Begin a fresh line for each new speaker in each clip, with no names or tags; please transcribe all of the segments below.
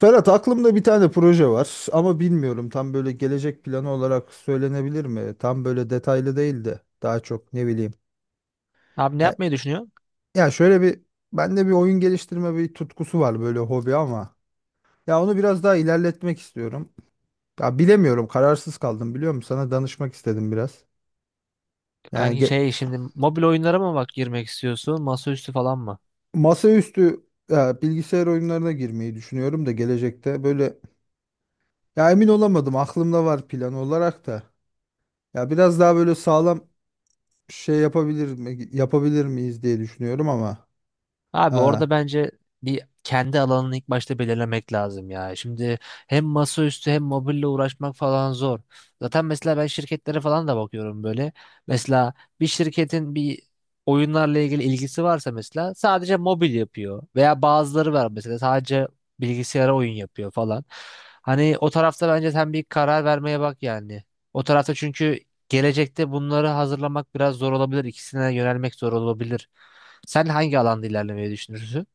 Ferhat, aklımda bir tane proje var ama bilmiyorum, tam böyle gelecek planı olarak söylenebilir mi? Tam böyle detaylı değil de daha çok ne bileyim.
Abi ne
Ya,
yapmayı düşünüyorsun?
ya, şöyle bir, bende bir oyun geliştirme bir tutkusu var, böyle hobi ama ya onu biraz daha ilerletmek istiyorum. Ya bilemiyorum, kararsız kaldım, biliyor musun? Sana danışmak istedim biraz. Yani
Kanki şey şimdi mobil oyunlara mı bak girmek istiyorsun? Masaüstü falan mı?
masaüstü, ya, bilgisayar oyunlarına girmeyi düşünüyorum da gelecekte böyle, ya emin olamadım, aklımda var plan olarak da. Ya biraz daha böyle sağlam şey yapabilir mi, yapabilir miyiz diye düşünüyorum ama e,
Abi orada bence bir kendi alanını ilk başta belirlemek lazım ya. Şimdi hem masaüstü hem mobille uğraşmak falan zor. Zaten mesela ben şirketlere falan da bakıyorum böyle. Mesela bir şirketin bir oyunlarla ilgili ilgisi varsa mesela sadece mobil yapıyor. Veya bazıları var mesela sadece bilgisayara oyun yapıyor falan. Hani o tarafta bence sen bir karar vermeye bak yani. O tarafta çünkü gelecekte bunları hazırlamak biraz zor olabilir. İkisine yönelmek zor olabilir. Sen hangi alanda ilerlemeyi düşünürsün?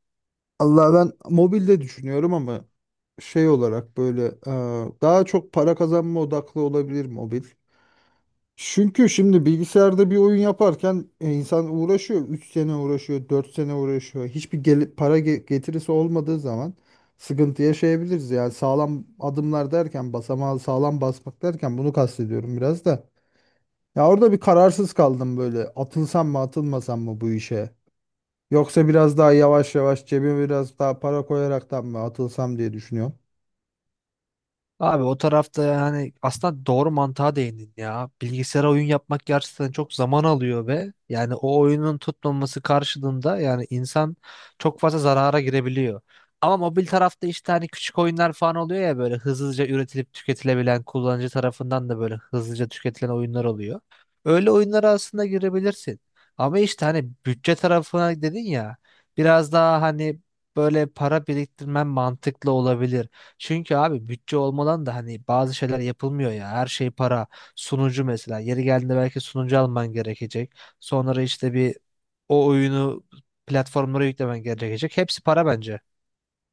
Allah, ben mobilde düşünüyorum ama şey olarak böyle, daha çok para kazanma odaklı olabilir mobil. Çünkü şimdi bilgisayarda bir oyun yaparken, insan uğraşıyor. 3 sene uğraşıyor, 4 sene uğraşıyor. Hiçbir para getirisi olmadığı zaman sıkıntı yaşayabiliriz. Yani sağlam adımlar derken, basamağı sağlam basmak derken bunu kastediyorum biraz da. Ya orada bir kararsız kaldım böyle. Atılsam mı, atılmasam mı bu işe? Yoksa biraz daha yavaş yavaş cebime biraz daha para koyaraktan mı atılsam diye düşünüyorum.
Abi o tarafta yani aslında doğru mantığa değindin ya. Bilgisayara oyun yapmak gerçekten çok zaman alıyor ve yani o oyunun tutmaması karşılığında yani insan çok fazla zarara girebiliyor. Ama mobil tarafta işte hani küçük oyunlar falan oluyor ya böyle hızlıca üretilip tüketilebilen, kullanıcı tarafından da böyle hızlıca tüketilen oyunlar oluyor. Öyle oyunlara aslında girebilirsin. Ama işte hani bütçe tarafına dedin ya, biraz daha hani böyle para biriktirmen mantıklı olabilir. Çünkü abi bütçe olmadan da hani bazı şeyler yapılmıyor ya. Her şey para. Sunucu mesela. Yeri geldiğinde belki sunucu alman gerekecek. Sonra işte bir o oyunu platformlara yüklemen gerekecek. Hepsi para bence.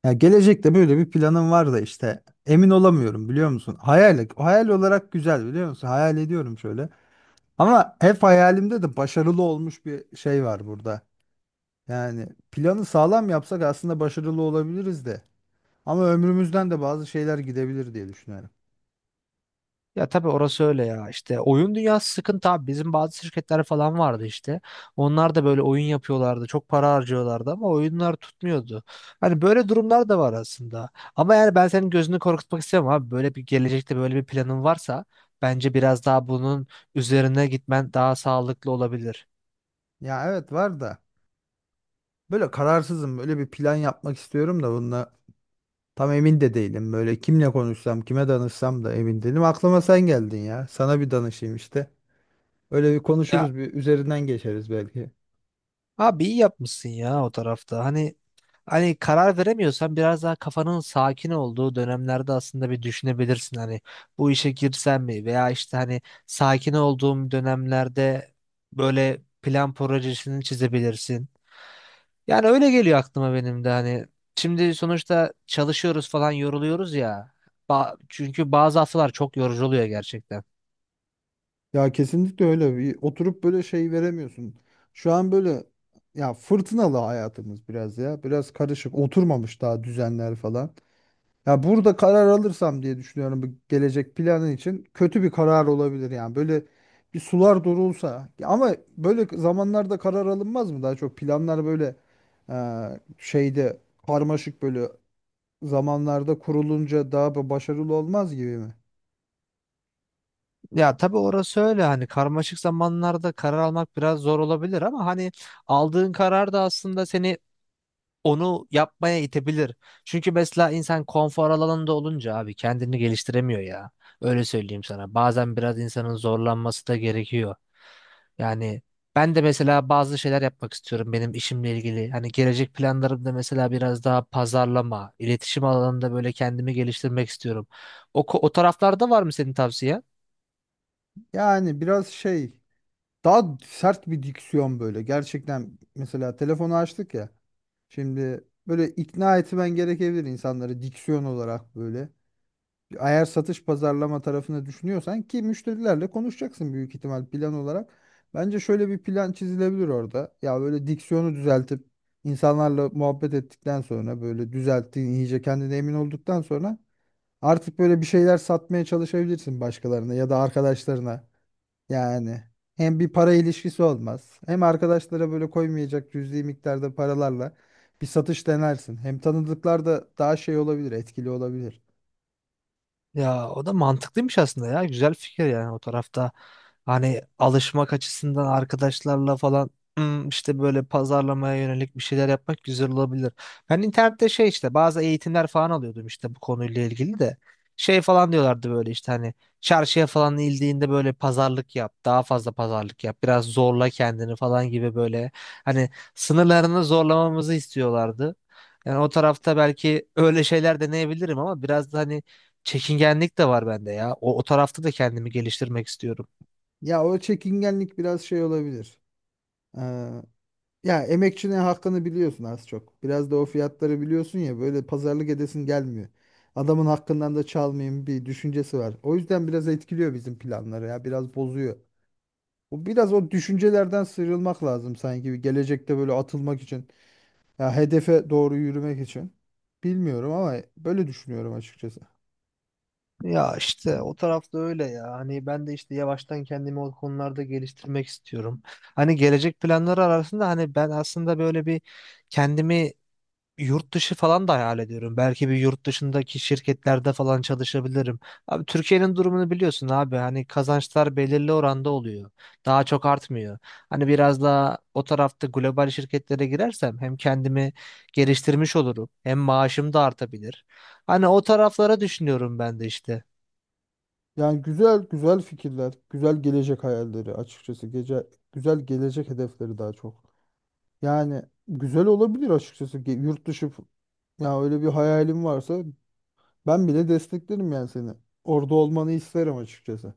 Ya gelecekte böyle bir planım var da işte emin olamıyorum, biliyor musun? Hayal olarak güzel, biliyor musun? Hayal ediyorum şöyle. Ama hep hayalimde de başarılı olmuş bir şey var burada. Yani planı sağlam yapsak aslında başarılı olabiliriz de. Ama ömrümüzden de bazı şeyler gidebilir diye düşünüyorum.
Ya tabii orası öyle ya, işte oyun dünyası sıkıntı abi, bizim bazı şirketler falan vardı işte, onlar da böyle oyun yapıyorlardı, çok para harcıyorlardı ama oyunlar tutmuyordu. Hani böyle durumlar da var aslında ama yani ben senin gözünü korkutmak istemem abi, böyle bir gelecekte böyle bir planın varsa bence biraz daha bunun üzerine gitmen daha sağlıklı olabilir.
Ya evet, var da böyle kararsızım. Böyle bir plan yapmak istiyorum da bununla tam emin de değilim, böyle kimle konuşsam, kime danışsam da emin değilim. Aklıma sen geldin ya. Sana bir danışayım işte. Öyle bir
Ya
konuşuruz, bir üzerinden geçeriz belki.
abi iyi yapmışsın ya o tarafta hani. Hani karar veremiyorsan biraz daha kafanın sakin olduğu dönemlerde aslında bir düşünebilirsin hani bu işe girsem mi, veya işte hani sakin olduğum dönemlerde böyle plan projesini çizebilirsin. Yani öyle geliyor aklıma benim de hani, şimdi sonuçta çalışıyoruz falan, yoruluyoruz ya. Çünkü bazı haftalar çok yorucu oluyor gerçekten.
Ya kesinlikle, öyle bir oturup böyle şey veremiyorsun. Şu an böyle, ya fırtınalı hayatımız biraz ya. Biraz karışık, oturmamış daha düzenler falan. Ya burada karar alırsam diye düşünüyorum, bu gelecek planın için kötü bir karar olabilir yani. Böyle bir sular durulsa. Ya ama böyle zamanlarda karar alınmaz mı? Daha çok planlar böyle e, şeyde, karmaşık böyle zamanlarda kurulunca daha başarılı olmaz gibi mi?
Ya tabii orası öyle, hani karmaşık zamanlarda karar almak biraz zor olabilir ama hani aldığın karar da aslında seni onu yapmaya itebilir. Çünkü mesela insan konfor alanında olunca abi kendini geliştiremiyor ya. Öyle söyleyeyim sana. Bazen biraz insanın zorlanması da gerekiyor. Yani ben de mesela bazı şeyler yapmak istiyorum benim işimle ilgili. Hani gelecek planlarımda mesela biraz daha pazarlama, iletişim alanında böyle kendimi geliştirmek istiyorum. O, o taraflarda var mı senin tavsiye?
Yani biraz şey, daha sert bir diksiyon böyle. Gerçekten mesela telefonu açtık ya. Şimdi böyle ikna etmen gerekebilir insanları, diksiyon olarak böyle. Eğer satış pazarlama tarafını düşünüyorsan, ki müşterilerle konuşacaksın büyük ihtimal plan olarak. Bence şöyle bir plan çizilebilir orada. Ya böyle diksiyonu düzeltip insanlarla muhabbet ettikten sonra, böyle düzelttiğin, iyice kendine emin olduktan sonra artık böyle bir şeyler satmaya çalışabilirsin başkalarına ya da arkadaşlarına. Yani hem bir para ilişkisi olmaz, hem arkadaşlara böyle koymayacak cüzi miktarda paralarla bir satış denersin. Hem tanıdıklar da daha şey olabilir, etkili olabilir.
Ya o da mantıklıymış aslında ya. Güzel fikir yani o tarafta. Hani alışmak açısından arkadaşlarla falan işte böyle pazarlamaya yönelik bir şeyler yapmak güzel olabilir. Ben internette şey işte bazı eğitimler falan alıyordum işte bu konuyla ilgili de. Şey falan diyorlardı böyle işte hani çarşıya falan indiğinde böyle pazarlık yap. Daha fazla pazarlık yap. Biraz zorla kendini falan gibi böyle hani sınırlarını zorlamamızı istiyorlardı. Yani o tarafta belki öyle şeyler deneyebilirim ama biraz da hani çekingenlik de var bende ya. O tarafta da kendimi geliştirmek istiyorum.
Ya o çekingenlik biraz şey olabilir. Ee, ya emekçinin hakkını biliyorsun az çok. Biraz da o fiyatları biliyorsun ya, böyle pazarlık edesin gelmiyor. Adamın hakkından da çalmayayım bir düşüncesi var. O yüzden biraz etkiliyor bizim planları, ya biraz bozuyor. Bu biraz o düşüncelerden sıyrılmak lazım sanki, bir gelecekte böyle atılmak için. Ya hedefe doğru yürümek için. Bilmiyorum ama böyle düşünüyorum açıkçası.
Ya işte o tarafta öyle ya. Hani ben de işte yavaştan kendimi o konularda geliştirmek istiyorum. Hani gelecek planları arasında hani ben aslında böyle bir kendimi, yurt dışı falan da hayal ediyorum. Belki bir yurt dışındaki şirketlerde falan çalışabilirim. Abi Türkiye'nin durumunu biliyorsun abi. Hani kazançlar belirli oranda oluyor. Daha çok artmıyor. Hani biraz daha o tarafta global şirketlere girersem hem kendimi geliştirmiş olurum, hem maaşım da artabilir. Hani o taraflara düşünüyorum ben de işte.
Yani güzel güzel fikirler, güzel gelecek hayalleri açıkçası. Gece güzel gelecek hedefleri daha çok. Yani güzel olabilir açıkçası, ki yurt dışı ya öyle bir hayalim varsa ben bile desteklerim yani seni. Orada olmanı isterim açıkçası.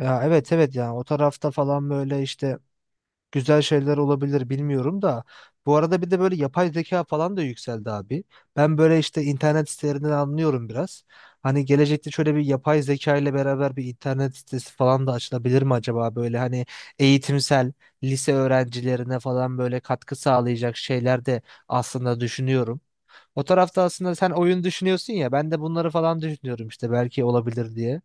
Ya evet evet, yani o tarafta falan böyle işte güzel şeyler olabilir, bilmiyorum da. Bu arada bir de böyle yapay zeka falan da yükseldi abi. Ben böyle işte internet sitelerinden anlıyorum biraz. Hani gelecekte şöyle bir yapay zeka ile beraber bir internet sitesi falan da açılabilir mi acaba? Böyle hani eğitimsel, lise öğrencilerine falan böyle katkı sağlayacak şeyler de aslında düşünüyorum. O tarafta aslında sen oyun düşünüyorsun ya, ben de bunları falan düşünüyorum işte, belki olabilir diye.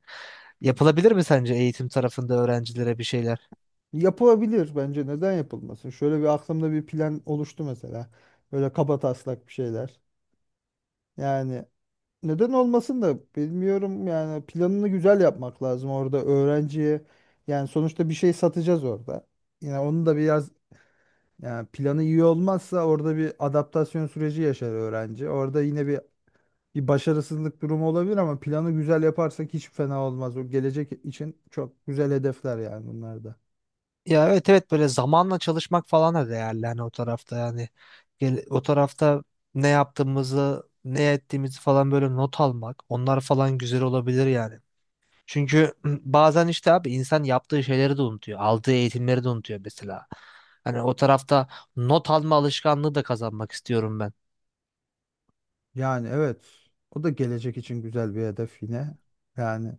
Yapılabilir mi sence eğitim tarafında öğrencilere bir şeyler?
Yapılabilir, bence neden yapılmasın? Şöyle bir aklımda bir plan oluştu mesela. Böyle kabataslak bir şeyler. Yani neden olmasın da, bilmiyorum, yani planını güzel yapmak lazım orada öğrenciye. Yani sonuçta bir şey satacağız orada. Yine onu da biraz, yani planı iyi olmazsa orada bir adaptasyon süreci yaşar öğrenci. Orada yine bir başarısızlık durumu olabilir ama planı güzel yaparsak hiç fena olmaz. O gelecek için çok güzel hedefler yani bunlar da.
Ya evet evet, böyle zamanla çalışmak falan da değerli hani o tarafta yani. O tarafta ne yaptığımızı ne ettiğimizi falan böyle not almak, onlar falan güzel olabilir yani. Çünkü bazen işte abi insan yaptığı şeyleri de unutuyor, aldığı eğitimleri de unutuyor mesela. Hani o tarafta not alma alışkanlığı da kazanmak istiyorum ben.
Yani evet. O da gelecek için güzel bir hedef yine. Yani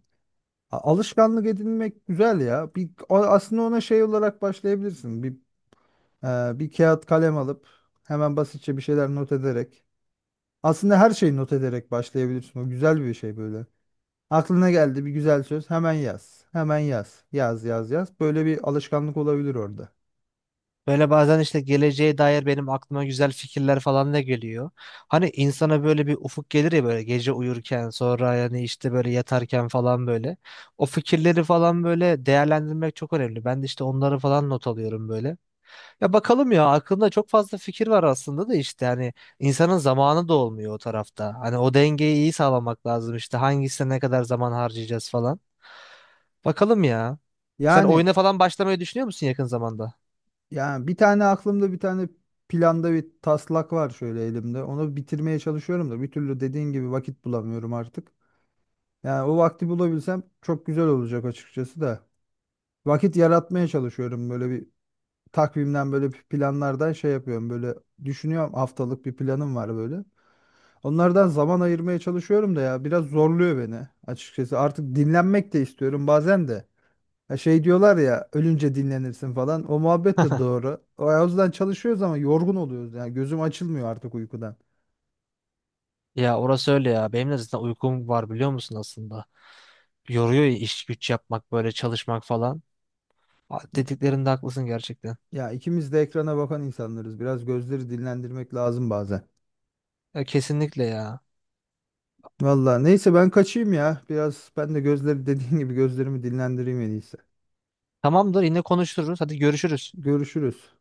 alışkanlık edinmek güzel ya. Bir aslında ona şey olarak başlayabilirsin. Bir bir kağıt kalem alıp hemen basitçe bir şeyler not ederek. Aslında her şeyi not ederek başlayabilirsin. O güzel bir şey böyle. Aklına geldi bir güzel söz, hemen yaz. Hemen yaz. Yaz, yaz, yaz. Böyle bir alışkanlık olabilir orada.
Böyle bazen işte geleceğe dair benim aklıma güzel fikirler falan da geliyor. Hani insana böyle bir ufuk gelir ya, böyle gece uyurken, sonra yani işte böyle yatarken falan böyle. O fikirleri falan böyle değerlendirmek çok önemli. Ben de işte onları falan not alıyorum böyle. Ya bakalım ya, aklımda çok fazla fikir var aslında da işte hani insanın zamanı da olmuyor o tarafta. Hani o dengeyi iyi sağlamak lazım işte, hangisine ne kadar zaman harcayacağız falan. Bakalım ya. Sen
Yani
oyuna falan başlamayı düşünüyor musun yakın zamanda?
Yani, bir tane aklımda, bir tane planda bir taslak var şöyle elimde. Onu bitirmeye çalışıyorum da bir türlü dediğin gibi vakit bulamıyorum artık. Yani o vakti bulabilsem çok güzel olacak açıkçası da. Vakit yaratmaya çalışıyorum, böyle bir takvimden, böyle bir planlardan şey yapıyorum, böyle düşünüyorum, haftalık bir planım var böyle. Onlardan zaman ayırmaya çalışıyorum da ya biraz zorluyor beni açıkçası. Artık dinlenmek de istiyorum bazen de. Ya şey diyorlar ya, ölünce dinlenirsin falan. O muhabbet de doğru. O yüzden çalışıyoruz ama yorgun oluyoruz. Yani gözüm açılmıyor artık uykudan.
Ya orası öyle ya. Benim de zaten uykum var biliyor musun aslında. Yoruyor ya iş güç yapmak, böyle çalışmak falan. Aa, dediklerinde haklısın gerçekten.
Ya ikimiz de ekrana bakan insanlarız. Biraz gözleri dinlendirmek lazım bazen.
Ya kesinlikle ya.
Vallahi neyse, ben kaçayım ya. Biraz ben de gözleri dediğin gibi gözlerimi dinlendireyim en iyisi.
Tamamdır, yine konuşuruz. Hadi görüşürüz.
Görüşürüz.